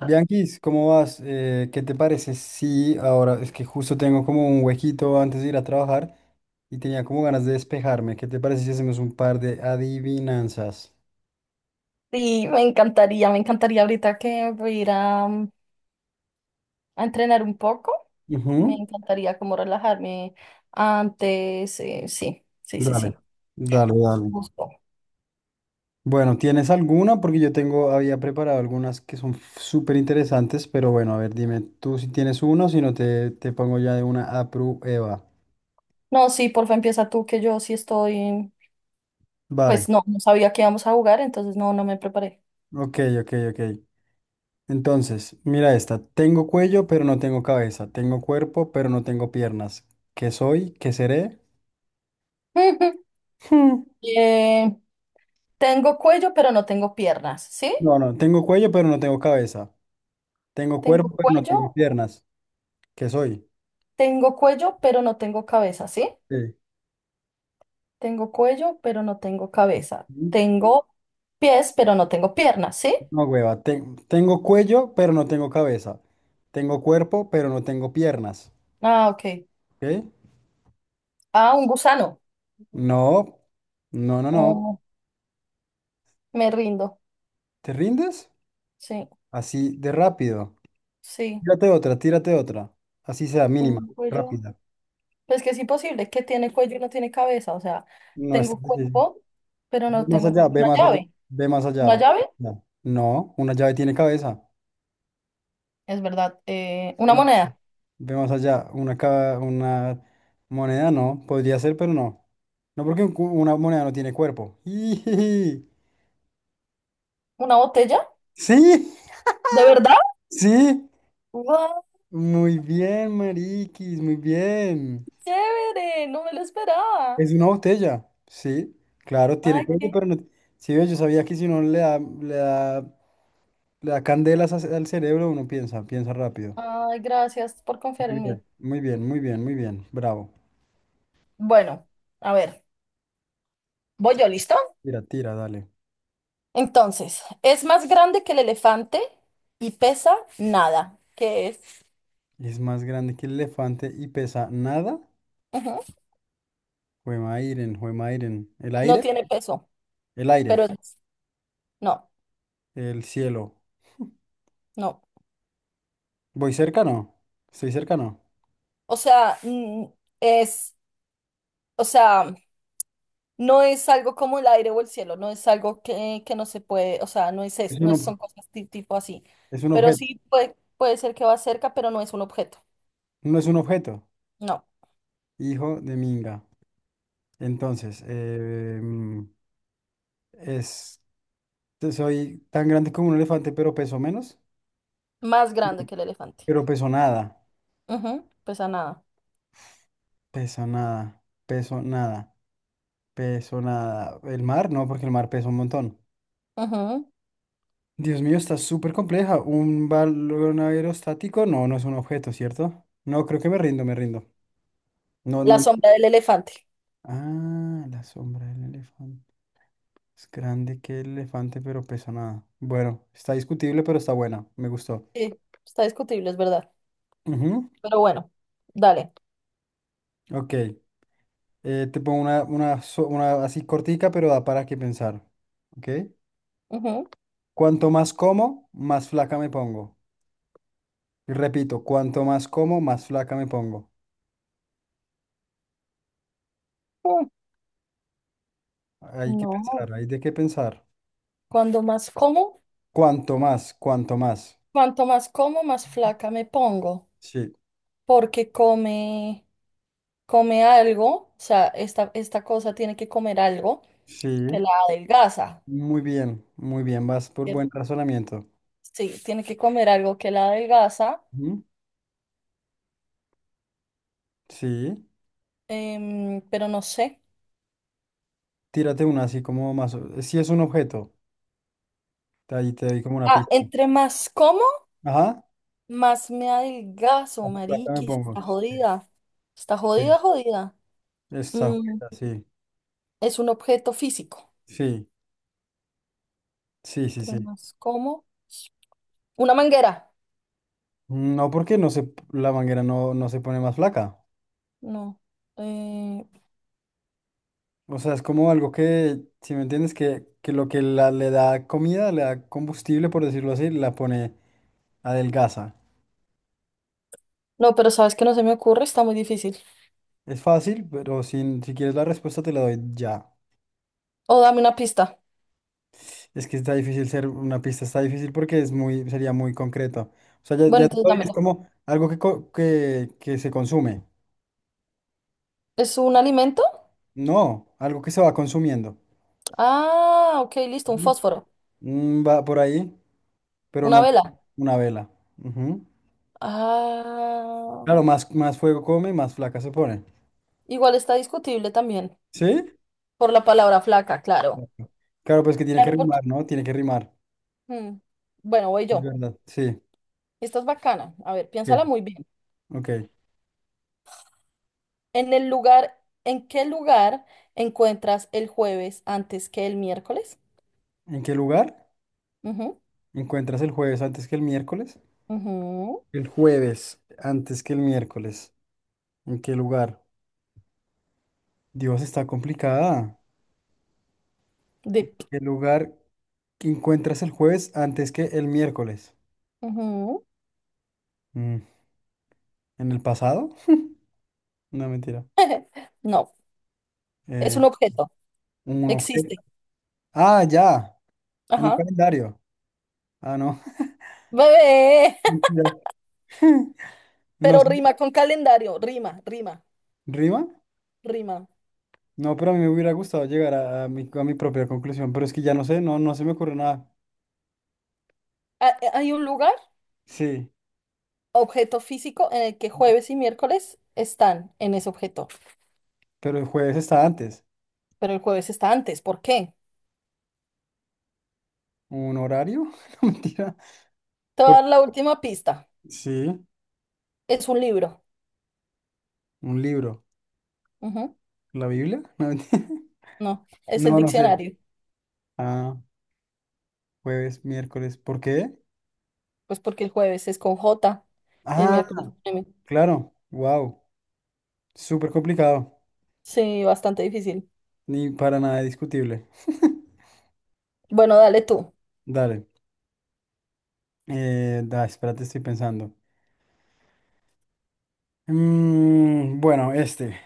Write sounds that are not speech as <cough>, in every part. Bianquis, ¿cómo vas? ¿Qué te parece? Sí, ahora es que justo tengo como un huequito antes de ir a trabajar y tenía como ganas de despejarme. ¿Qué te parece si hacemos un par de adivinanzas? Sí, me encantaría ahorita que voy a ir a, a entrenar un poco. Me Ujú. encantaría como relajarme antes. Sí, sí, sí, Dale, sí. dale, dale. Gusto. Bueno, ¿tienes alguna? Porque yo tengo, había preparado algunas que son súper interesantes, pero bueno, a ver, dime tú si tienes uno, si no te pongo ya de una a prueba. No, sí, porfa, empieza tú, que yo sí estoy. Vale, Pues no, no sabía que íbamos a jugar, entonces no, no me preparé. ok, ok, ok. Entonces, mira esta. Tengo cuello, pero no tengo cabeza. Tengo cuerpo, pero no tengo piernas. ¿Qué soy? ¿Qué seré? <laughs> Hmm. Eh, Tengo cuello, pero no tengo piernas, ¿sí? No, no. Tengo cuello, pero no tengo cabeza. Tengo Tengo cuerpo, pero no tengo cuello, piernas. ¿Qué soy? tengo cuello, pero no tengo cabeza, ¿sí? Sí. Tengo cuello, pero no tengo cabeza. Mm, Tengo pies, pero no tengo piernas, ¿sí? No, hueva. Tengo cuello, pero no tengo cabeza. Tengo cuerpo, pero no tengo piernas. Ah, ok. ¿Ok? Ah, un gusano. No. No, no, no. Oh, me rindo. ¿Te rindes? Sí, Así de rápido. sí. Tírate otra, tírate otra. Así sea, mínima, Tengo cuello. rápida. Pues que es imposible que tiene cuello y no tiene cabeza. O sea, No está tengo difícil. cuerpo, pero Ve no más tengo allá, ve una más allá, llave. ve más allá, ¿Una ve llave? más allá. No, una llave tiene cabeza. Es verdad. Ve Una más, moneda. ve más allá, una, una moneda no, podría ser, pero no. No porque un una moneda no tiene cuerpo. <laughs> ¡Ijiji! ¿Una botella? Sí, ¿De verdad? sí. ¡Wow! Muy bien, mariquis, muy bien. ¡Chévere! No me lo esperaba. Es una botella, sí. Claro, tiene Ay, cuerpo, qué. pero no. Sí, ve, yo sabía que si uno le da, le da, le da candelas al cerebro, uno piensa, piensa rápido. Ay, gracias por confiar Muy en bien, mí. muy bien, muy bien, muy bien. Bravo. Bueno, a ver. ¿Voy yo listo? Tira, tira, dale. Entonces, es más grande que el elefante y pesa nada, que es, Es más grande que el elefante y pesa nada. ujú. Juemairen, Juemairen. ¿El No aire? tiene peso, El aire. pero no, El cielo. no. ¿Voy cerca? No. ¿Estoy cerca? No. O sea, es, o sea, no es algo como el aire o el cielo, no es algo que no se puede, o sea, no es, Es no un, ob- son cosas tipo así, es un pero objeto. sí puede, puede ser que va cerca, pero no es un objeto, No es un objeto. no. Hijo de Minga. Entonces, es, soy tan grande como un elefante, pero peso menos. Más grande que el elefante. Pero peso nada. Ujú, pesa nada. Peso nada. Peso nada. Peso nada. ¿El mar? No, porque el mar pesa un montón. Ujú. Dios mío, está súper compleja. Un balón aerostático, no, no es un objeto, ¿cierto? No, creo que me rindo, me rindo. No, La no. Sombra del elefante. Ah, la sombra del elefante. Es grande que el elefante, pero pesa nada. Bueno, está discutible, pero está buena. Me gustó. Sí, está discutible, es verdad. Ujú. Pero bueno, dale. Ok. Te pongo una así cortica, pero da para qué pensar. Ok. Ujú. Cuanto más como, más flaca me pongo. Y repito, cuanto más como, más flaca me pongo. Mm, Hay que No, pensar, hay de qué pensar. Cuando más como, Cuanto más, cuanto más. cuanto más como, más flaca me pongo, Sí, porque come, come algo, o sea, esta cosa tiene que comer algo sí. que la adelgaza. Muy bien, muy bien. Vas por ¿Cierto? buen razonamiento. Sí, tiene que comer algo que la adelgaza, Ujú. Sí. Pero no sé. Tírate una así como más. Si es un objeto, ahí te doy como una Ah, pista. entre más como, Ajá. más me adelgazo, Acá me mariquis, pongo. Sí, está sí. jodida, jodida. Esta Mm, juega, sí. es un objeto físico. Sí, sí, sí, sí. Tramas, ¿cómo? Una manguera. No porque no se, la manguera no, no se pone más flaca. No. eh, O sea, es como algo que, si me entiendes, que lo que la, le da comida, le da combustible, por decirlo así, la pone adelgaza. no, pero sabes que no se me ocurre, está muy difícil. Es fácil, pero si, si quieres la respuesta te la doy ya. O dame una pista. Es que está difícil ser una pista, está difícil porque es muy, sería muy concreto. O sea, ya, Bueno, ya te entonces doy, es dámelo. como algo que, que se consume. ¿Es un alimento? No, algo que se va consumiendo. Ah, ok, listo, un Ujú. fósforo. Mm, va por ahí, pero Una no vela. una vela. Ujú. Ah, Claro, más, más fuego come, más flaca se pone. igual está discutible también. ¿Sí? Por la palabra flaca, claro. Exacto. Claro, pues que tiene que Claro, porque. rimar, ¿no? Tiene que rimar. mm, Bueno, voy Es yo. verdad, sí. Esta es bacana. A ver, Bien. piénsala muy bien. Ok. ¿En qué lugar encuentras el jueves antes que el miércoles? ¿En qué lugar Ujú, encuentras el jueves antes que el miércoles? ujú. El jueves, antes que el miércoles. ¿En qué lugar? Dios, está complicada. De... ¿Qué lugar que encuentras el jueves antes que el miércoles? Ujú. Mm, ¿En el pasado? No, mentira. <laughs> No, es Eh, un objeto. un objeto. Existe. Ah, ya. En un Ajá. calendario. Ah, no. <laughs> Bebé. Mentira. <laughs> No Pero sé. rima con calendario. Rima, rima, ¿Rima? rima. No, pero a mí me hubiera gustado llegar a mi propia conclusión. Pero es que ya no sé, no, no se me ocurre nada. Hay un lugar, Sí, objeto físico, en el que jueves y miércoles están en ese objeto. pero el jueves está antes. Pero el jueves está antes. ¿Por qué? ¿Un horario? <laughs> No, mentira. Te voy a dar Porque, la última pista. sí, Es un libro. un libro. Ujú. ¿La Biblia? <laughs> No, mentira, No, es el no no sé. diccionario. Ah, jueves, miércoles. ¿Por qué? Pues porque el jueves es con J, el Ah, miércoles con M. claro. Wow. Súper complicado. Sí, bastante difícil. Ni para nada discutible. Bueno, dale tú. Dale. Espérate, estoy pensando. Mm, bueno, este.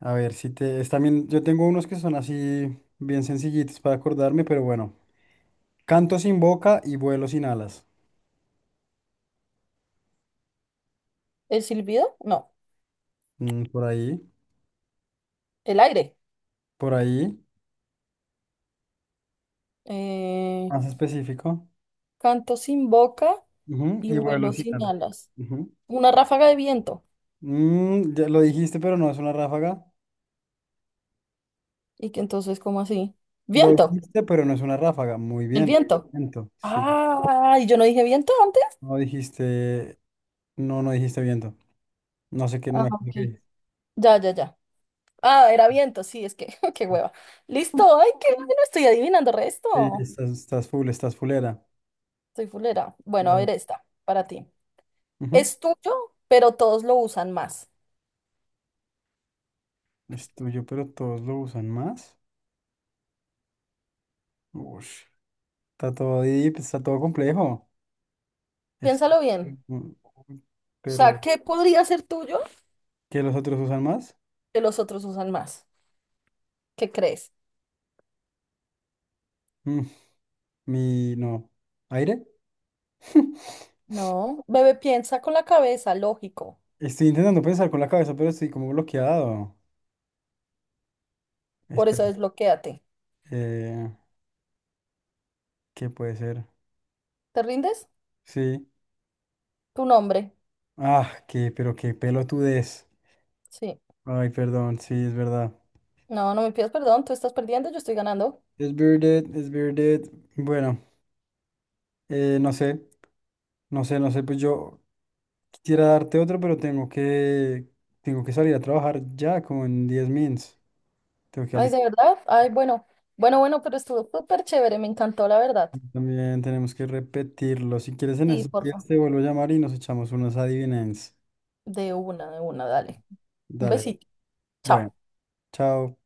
A ver, si te... Es también... Yo tengo unos que son así bien sencillitos para acordarme, pero bueno. Canto sin boca y vuelo sin alas. ¿El silbido? No. Mm, por ahí. El aire. Por ahí. eh, Más específico. Canto sin boca Ujú. y Y vuelo vuelo sin sin alas. alas. Ujú. Una ráfaga de viento. Mm, ya lo dijiste, pero no es una ráfaga. Y que entonces, ¿cómo así? Lo Viento, dijiste, pero no es una ráfaga. Muy el bien. viento. Viento, sí. Ah, ¿y yo no dije viento antes? No dijiste, no, no dijiste viento. No sé qué, no Ah, me acuerdo qué ok. dijiste. Ya, ya, ya. Ah, era viento, sí, es que, <laughs> qué hueva. Listo, ay, qué <laughs> bueno, estoy adivinando Sí, sí, resto. estás, estás full, estás fulera. Soy fulera. Bueno, a Dale. ver esta, para ti. Ujú. Es tuyo, pero todos lo usan más. Es tuyo, pero todos lo usan más. Ush. Está todo deep, está todo complejo. Es tu- Piénsalo bien. O Pero, sea, ¿qué podría ser tuyo ¿qué los otros usan más? que los otros usan más? ¿Qué crees? Mm, no. ¿Aire? <laughs> No, bebé, piensa con la cabeza, lógico. Estoy intentando pensar con la cabeza, pero estoy como bloqueado. Por Espera, eso desbloquéate. eh, ¿qué puede ser? ¿Te rindes? Sí. Tu nombre. Ah, qué, pero qué pelotudez. Sí. Ay, perdón, sí, es verdad. No, no me pidas perdón, tú estás perdiendo, yo estoy ganando. Es bearded, es bearded. Bueno, no sé, no sé, no sé, pues yo quisiera darte otro, pero tengo que salir a trabajar ya, como en 10 mins. Tengo que Ay, ¿de alistar. verdad? Ay, bueno. Bueno, bueno, pero estuvo súper chévere, me encantó, la verdad. También tenemos que repetirlo. Si quieres en Sí, esos días porfa. te vuelvo a llamar y nos echamos unas adivinanzas. De una, dale. Un Dale, besito. bueno, Chao. chao.